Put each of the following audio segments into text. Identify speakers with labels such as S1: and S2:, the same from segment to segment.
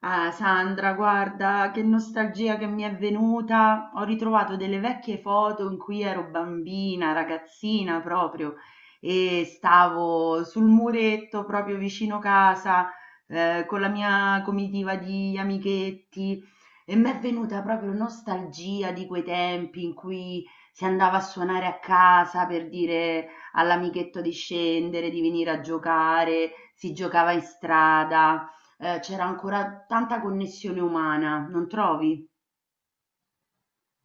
S1: Ah, Sandra, guarda, che nostalgia che mi è venuta. Ho ritrovato delle vecchie foto in cui ero bambina, ragazzina proprio, e stavo sul muretto proprio vicino casa, con la mia comitiva di amichetti e mi è venuta proprio nostalgia di quei tempi in cui si andava a suonare a casa per dire all'amichetto di scendere, di venire a giocare, si giocava in strada. C'era ancora tanta connessione umana, non trovi?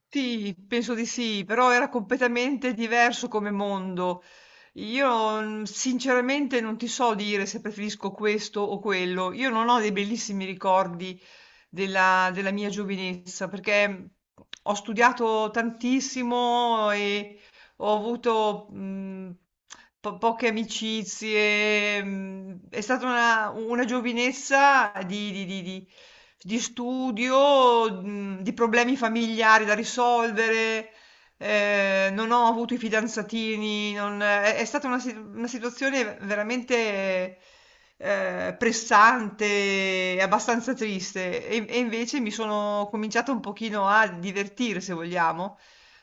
S2: Sì, penso di sì, però era completamente diverso come mondo. Io sinceramente non ti so dire se preferisco questo o quello. Io non ho dei bellissimi ricordi della mia giovinezza perché ho studiato tantissimo e ho avuto poche amicizie, è stata una giovinezza di studio, di problemi familiari da risolvere. Non ho avuto i fidanzatini, non è è stata una situazione veramente, pressante e abbastanza triste e invece mi sono cominciata un pochino a divertire, se vogliamo,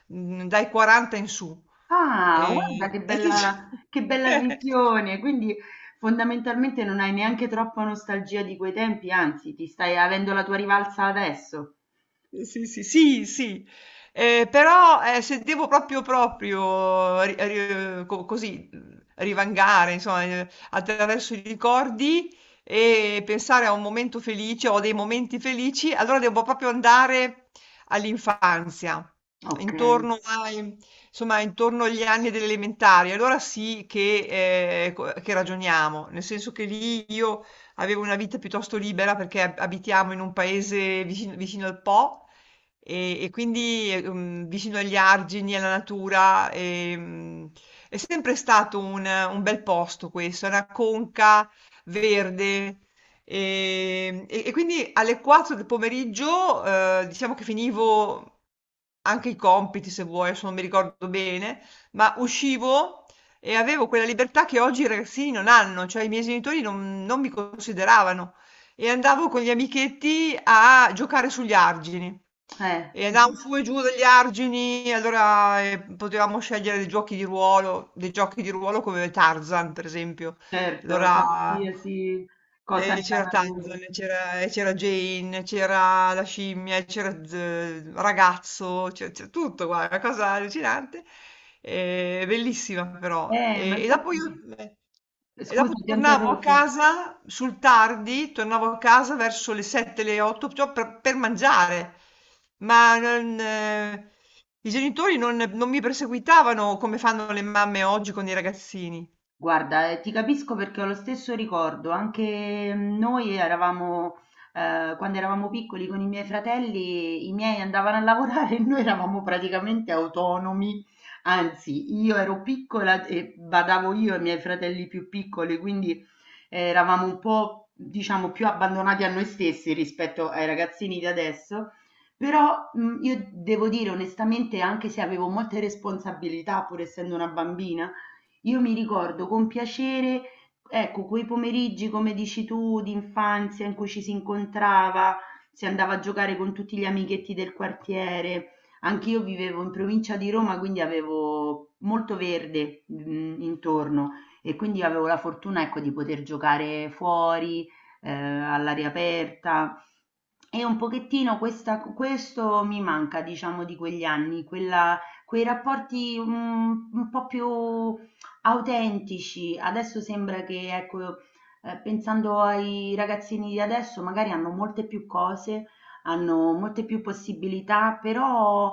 S2: dai 40 in su.
S1: Ah, guarda che
S2: E dicia
S1: bella, che bella visione! Quindi fondamentalmente non hai neanche troppa nostalgia di quei tempi, anzi, ti stai avendo la tua rivalsa adesso.
S2: Sì, sì, sì, sì. Però se devo proprio così rivangare, insomma, attraverso i ricordi e pensare a un momento felice o dei momenti felici, allora devo proprio andare all'infanzia,
S1: Okay.
S2: intorno ai- insomma, intorno agli anni delle elementari. Allora sì che che ragioniamo, nel senso che lì io avevo una vita piuttosto libera perché abitiamo in un paese vicino al Po e quindi vicino agli argini, alla natura. E, è sempre stato un bel posto questo, una conca verde. E quindi alle 4 del pomeriggio, diciamo che finivo anche i compiti, se vuoi, adesso non mi ricordo bene, ma uscivo e avevo quella libertà che oggi i ragazzini non hanno, cioè i miei genitori non mi consideravano. E andavo con gli amichetti a giocare sugli argini.
S1: Eh,
S2: E andavamo su e giù degli argini, allora potevamo scegliere dei giochi di ruolo, dei giochi di ruolo come Tarzan, per esempio.
S1: certo,
S2: Allora
S1: qualsiasi cosa
S2: e
S1: nella
S2: c'era
S1: natura.
S2: Tarzan, e c'era Jane, c'era la scimmia, e c'era ragazzo, c'è tutto, guarda, una cosa allucinante, e bellissima però.
S1: Ma
S2: E dopo io
S1: infatti
S2: e
S1: scusa,
S2: dopo
S1: ti ho
S2: tornavo a
S1: interrotto.
S2: casa sul tardi, tornavo a casa verso le 7, le 8, cioè per mangiare, ma non, i genitori non mi perseguitavano come fanno le mamme oggi con i ragazzini.
S1: Guarda, ti capisco perché ho lo stesso ricordo, anche mm, noi eravamo, quando eravamo piccoli con i miei fratelli, i miei andavano a lavorare e noi eravamo praticamente autonomi, anzi io ero piccola e badavo io ai miei fratelli più piccoli, quindi eravamo un po', diciamo, più abbandonati a noi stessi rispetto ai ragazzini di adesso, però mm, io devo dire onestamente, anche se avevo molte responsabilità, pur essendo una bambina, io mi ricordo con piacere, ecco, quei pomeriggi, come dici tu, di infanzia in cui ci si incontrava, si andava a giocare con tutti gli amichetti del quartiere. Anch'io vivevo in provincia di Roma, quindi avevo molto verde, intorno, e quindi avevo la fortuna, ecco, di poter giocare fuori, all'aria aperta. E un pochettino questo mi manca, diciamo, di quegli anni, quei rapporti mm, un po' più autentici. Adesso sembra che, ecco, pensando ai ragazzini di adesso, magari hanno molte più cose, hanno molte più possibilità, però,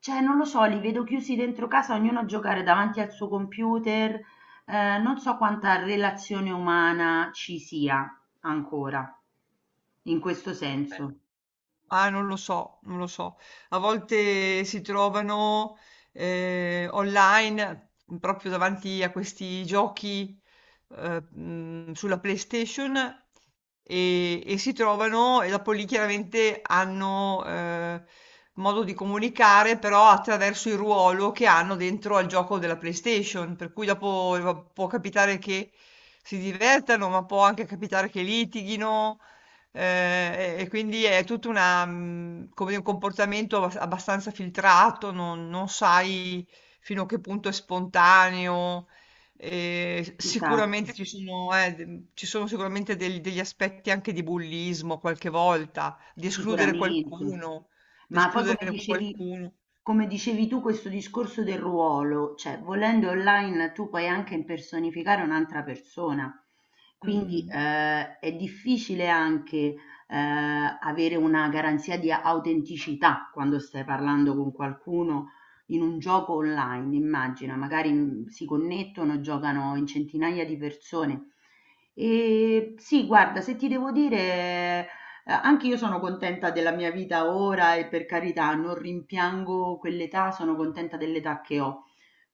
S1: cioè, non lo so, li vedo chiusi dentro casa, ognuno a giocare davanti al suo computer. Non so quanta relazione umana ci sia ancora in questo
S2: Eh,
S1: senso.
S2: Ah, non lo so, non lo so. A volte si trovano online proprio davanti a questi giochi sulla PlayStation e si trovano e dopo lì chiaramente hanno modo di comunicare però attraverso il ruolo che hanno dentro al gioco della PlayStation, per cui dopo può capitare che si divertano, ma può anche capitare che litighino. Ehm, e quindi è tutta una come dire, un comportamento abbastanza filtrato, non sai fino a che punto è spontaneo. S
S1: Esatto.
S2: Sicuramente ci sono d ci sono sicuramente del degli aspetti anche di bullismo qualche volta, di escludere
S1: Sicuramente,
S2: qualcuno, di
S1: ma poi come
S2: escludere
S1: dicevi,
S2: qualcuno.
S1: come dicevi tu questo discorso del ruolo, cioè volendo online tu puoi anche impersonificare un'altra persona, quindi
S2: Mh-mh.
S1: è difficile anche eh, avere una garanzia di autenticità quando stai parlando con qualcuno in un gioco online, immagina, magari mm, si connettono, giocano in centinaia di persone. E sì, guarda, se ti devo dire, anche io sono contenta della mia vita ora e per carità, non rimpiango quell'età, sono contenta dell'età che ho.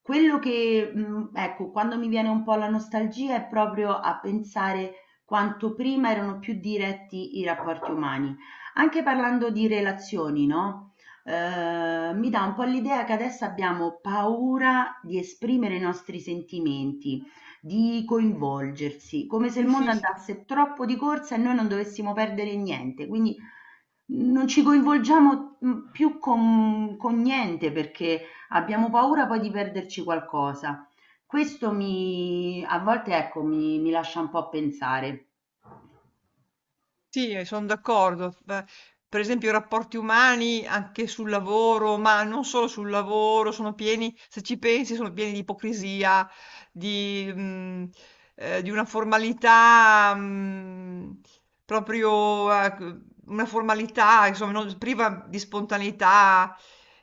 S1: Quello che, ecco, quando mi viene un po' la nostalgia è proprio a pensare quanto prima erano più diretti i rapporti umani. Anche parlando di relazioni, no? Mi dà un po' l'idea che adesso abbiamo paura di esprimere i nostri sentimenti. Di coinvolgersi, come se il
S2: Sì,
S1: mondo
S2: sì, sì.
S1: andasse troppo di corsa e noi non dovessimo perdere niente, quindi non ci coinvolgiamo, mhmm, più con niente perché abbiamo paura poi di perderci qualcosa. Questo mi a volte ecco, mi lascia un po' pensare.
S2: Sì, sono d'accordo. Beh, per esempio i rapporti umani anche sul lavoro, ma non solo sul lavoro, sono pieni, se ci pensi, sono pieni di ipocrisia, di, mm, di una formalità, una formalità, insomma, priva di spontaneità.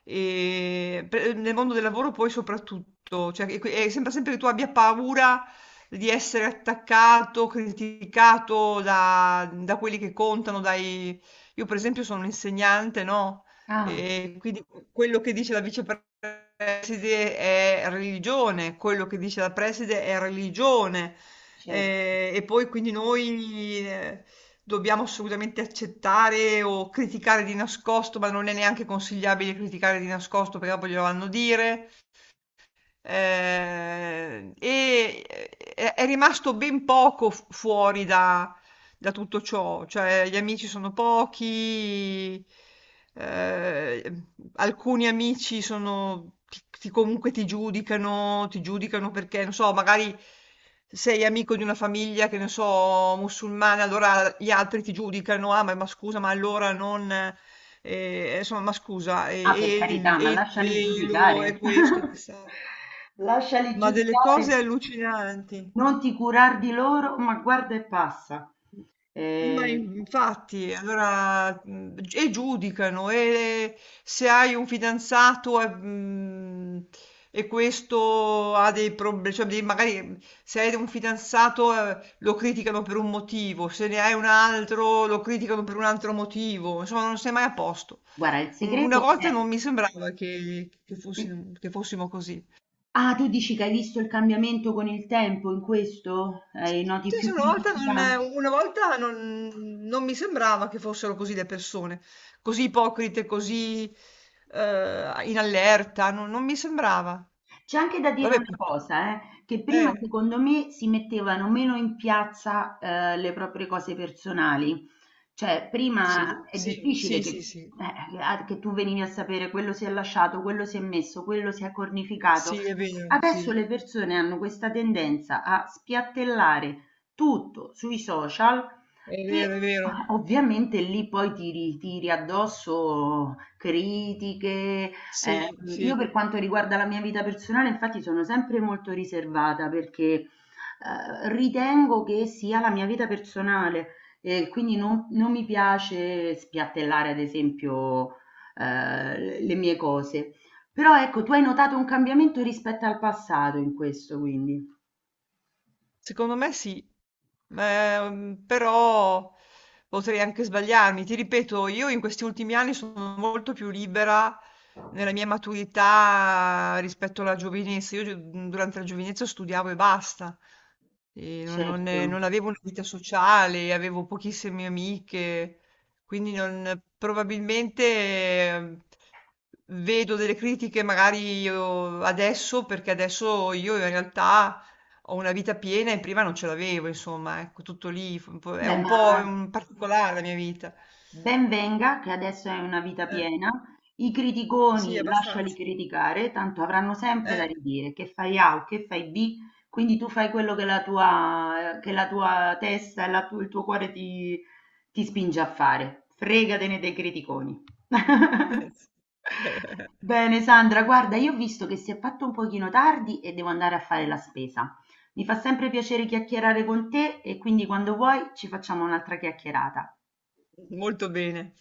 S2: E, nel mondo del lavoro poi soprattutto, e sembra sempre che tu abbia paura di essere attaccato, criticato da quelli che contano, dai... Io per esempio sono un insegnante, no?
S1: Ah,
S2: E quindi quello che dice la vicepreside è religione, quello che dice la preside è religione.
S1: cer
S2: E poi quindi noi dobbiamo assolutamente accettare o criticare di nascosto, ma non è neanche consigliabile criticare di nascosto perché poi glielo vanno a dire. È rimasto ben poco fuori da, da tutto ciò, cioè gli amici sono pochi. eh, Alcuni amici sono, comunque ti giudicano perché, non so, magari sei amico di una famiglia, che ne so, musulmana, allora gli altri ti giudicano, ah, ma scusa, ma allora non... insomma, ma scusa, e,
S1: Ah, per carità, ma
S2: e il
S1: lasciali
S2: velo, e
S1: giudicare.
S2: questo, e quest'altro.
S1: Lasciali
S2: Ma delle cose
S1: giudicare.
S2: allucinanti.
S1: Non ti curar di loro, ma guarda e passa.
S2: Ma
S1: Ehm
S2: infatti, allora, mhmm, g e giudicano e se hai un fidanzato e e questo ha dei prob cioè dei magari se hai un fidanzato, lo criticano per un motivo, se ne hai un altro lo criticano per un altro motivo, insomma non sei mai a posto.
S1: Guarda, il
S2: U Una
S1: segreto
S2: volta
S1: è
S2: non mi sembrava che fossi
S1: eh,
S2: che fossimo così.
S1: ah, tu dici che hai visto il cambiamento con il tempo in questo? Noti
S2: Sì, sì,
S1: più
S2: una volta
S1: criticità?
S2: non una volta non mi sembrava che fossero così le persone, così ipocrite, così, in allerta, non mi sembrava.
S1: C'è anche da dire una
S2: Vabbè, put
S1: cosa, che prima
S2: eh,
S1: secondo me si mettevano meno in piazza, le proprie cose personali. Cioè, prima
S2: sì,
S1: è
S2: sì,
S1: difficile
S2: sì,
S1: che,
S2: sì, sì,
S1: che tu venivi a sapere quello si è lasciato, quello si è messo, quello si è cornificato. Adesso
S2: sì,
S1: le persone hanno questa tendenza a spiattellare tutto sui social e
S2: è vero,
S1: ovviamente lì poi ti ritiri addosso critiche.
S2: sì,
S1: Io
S2: sì.
S1: per quanto riguarda la mia vita personale, infatti, sono sempre molto riservata perché, ritengo che sia la mia vita personale e quindi non mi piace spiattellare, ad esempio, le mie cose. Però ecco, tu hai notato un cambiamento rispetto al passato in questo quindi.
S2: Secondo me sì. Però potrei anche sbagliarmi. Ti ripeto, io in questi ultimi anni sono molto più libera nella mia maturità rispetto alla giovinezza. Io durante la giovinezza studiavo e basta. E non
S1: Certo.
S2: avevo una vita sociale, avevo pochissime amiche, probabilmente vedo delle critiche magari io adesso, perché adesso io in realtà ho una vita piena e prima non ce l'avevo, insomma, ecco, tutto lì, un è
S1: Beh,
S2: un
S1: ma
S2: po' un particolare la mia vita.
S1: ben venga, che adesso hai una vita
S2: Eh,
S1: piena, i
S2: sì,
S1: criticoni lasciali
S2: abbastanza.
S1: criticare, tanto avranno sempre da
S2: Eh.
S1: ridire, che fai A o che fai B, quindi tu fai quello che la tua testa e il tuo cuore ti, ti spinge a fare. Fregatene dei criticoni. Bene, Sandra, guarda, io ho visto che si è fatto un pochino tardi e devo andare a fare la spesa. Mi fa sempre piacere chiacchierare con te e quindi quando vuoi ci facciamo un'altra chiacchierata.
S2: Molto bene.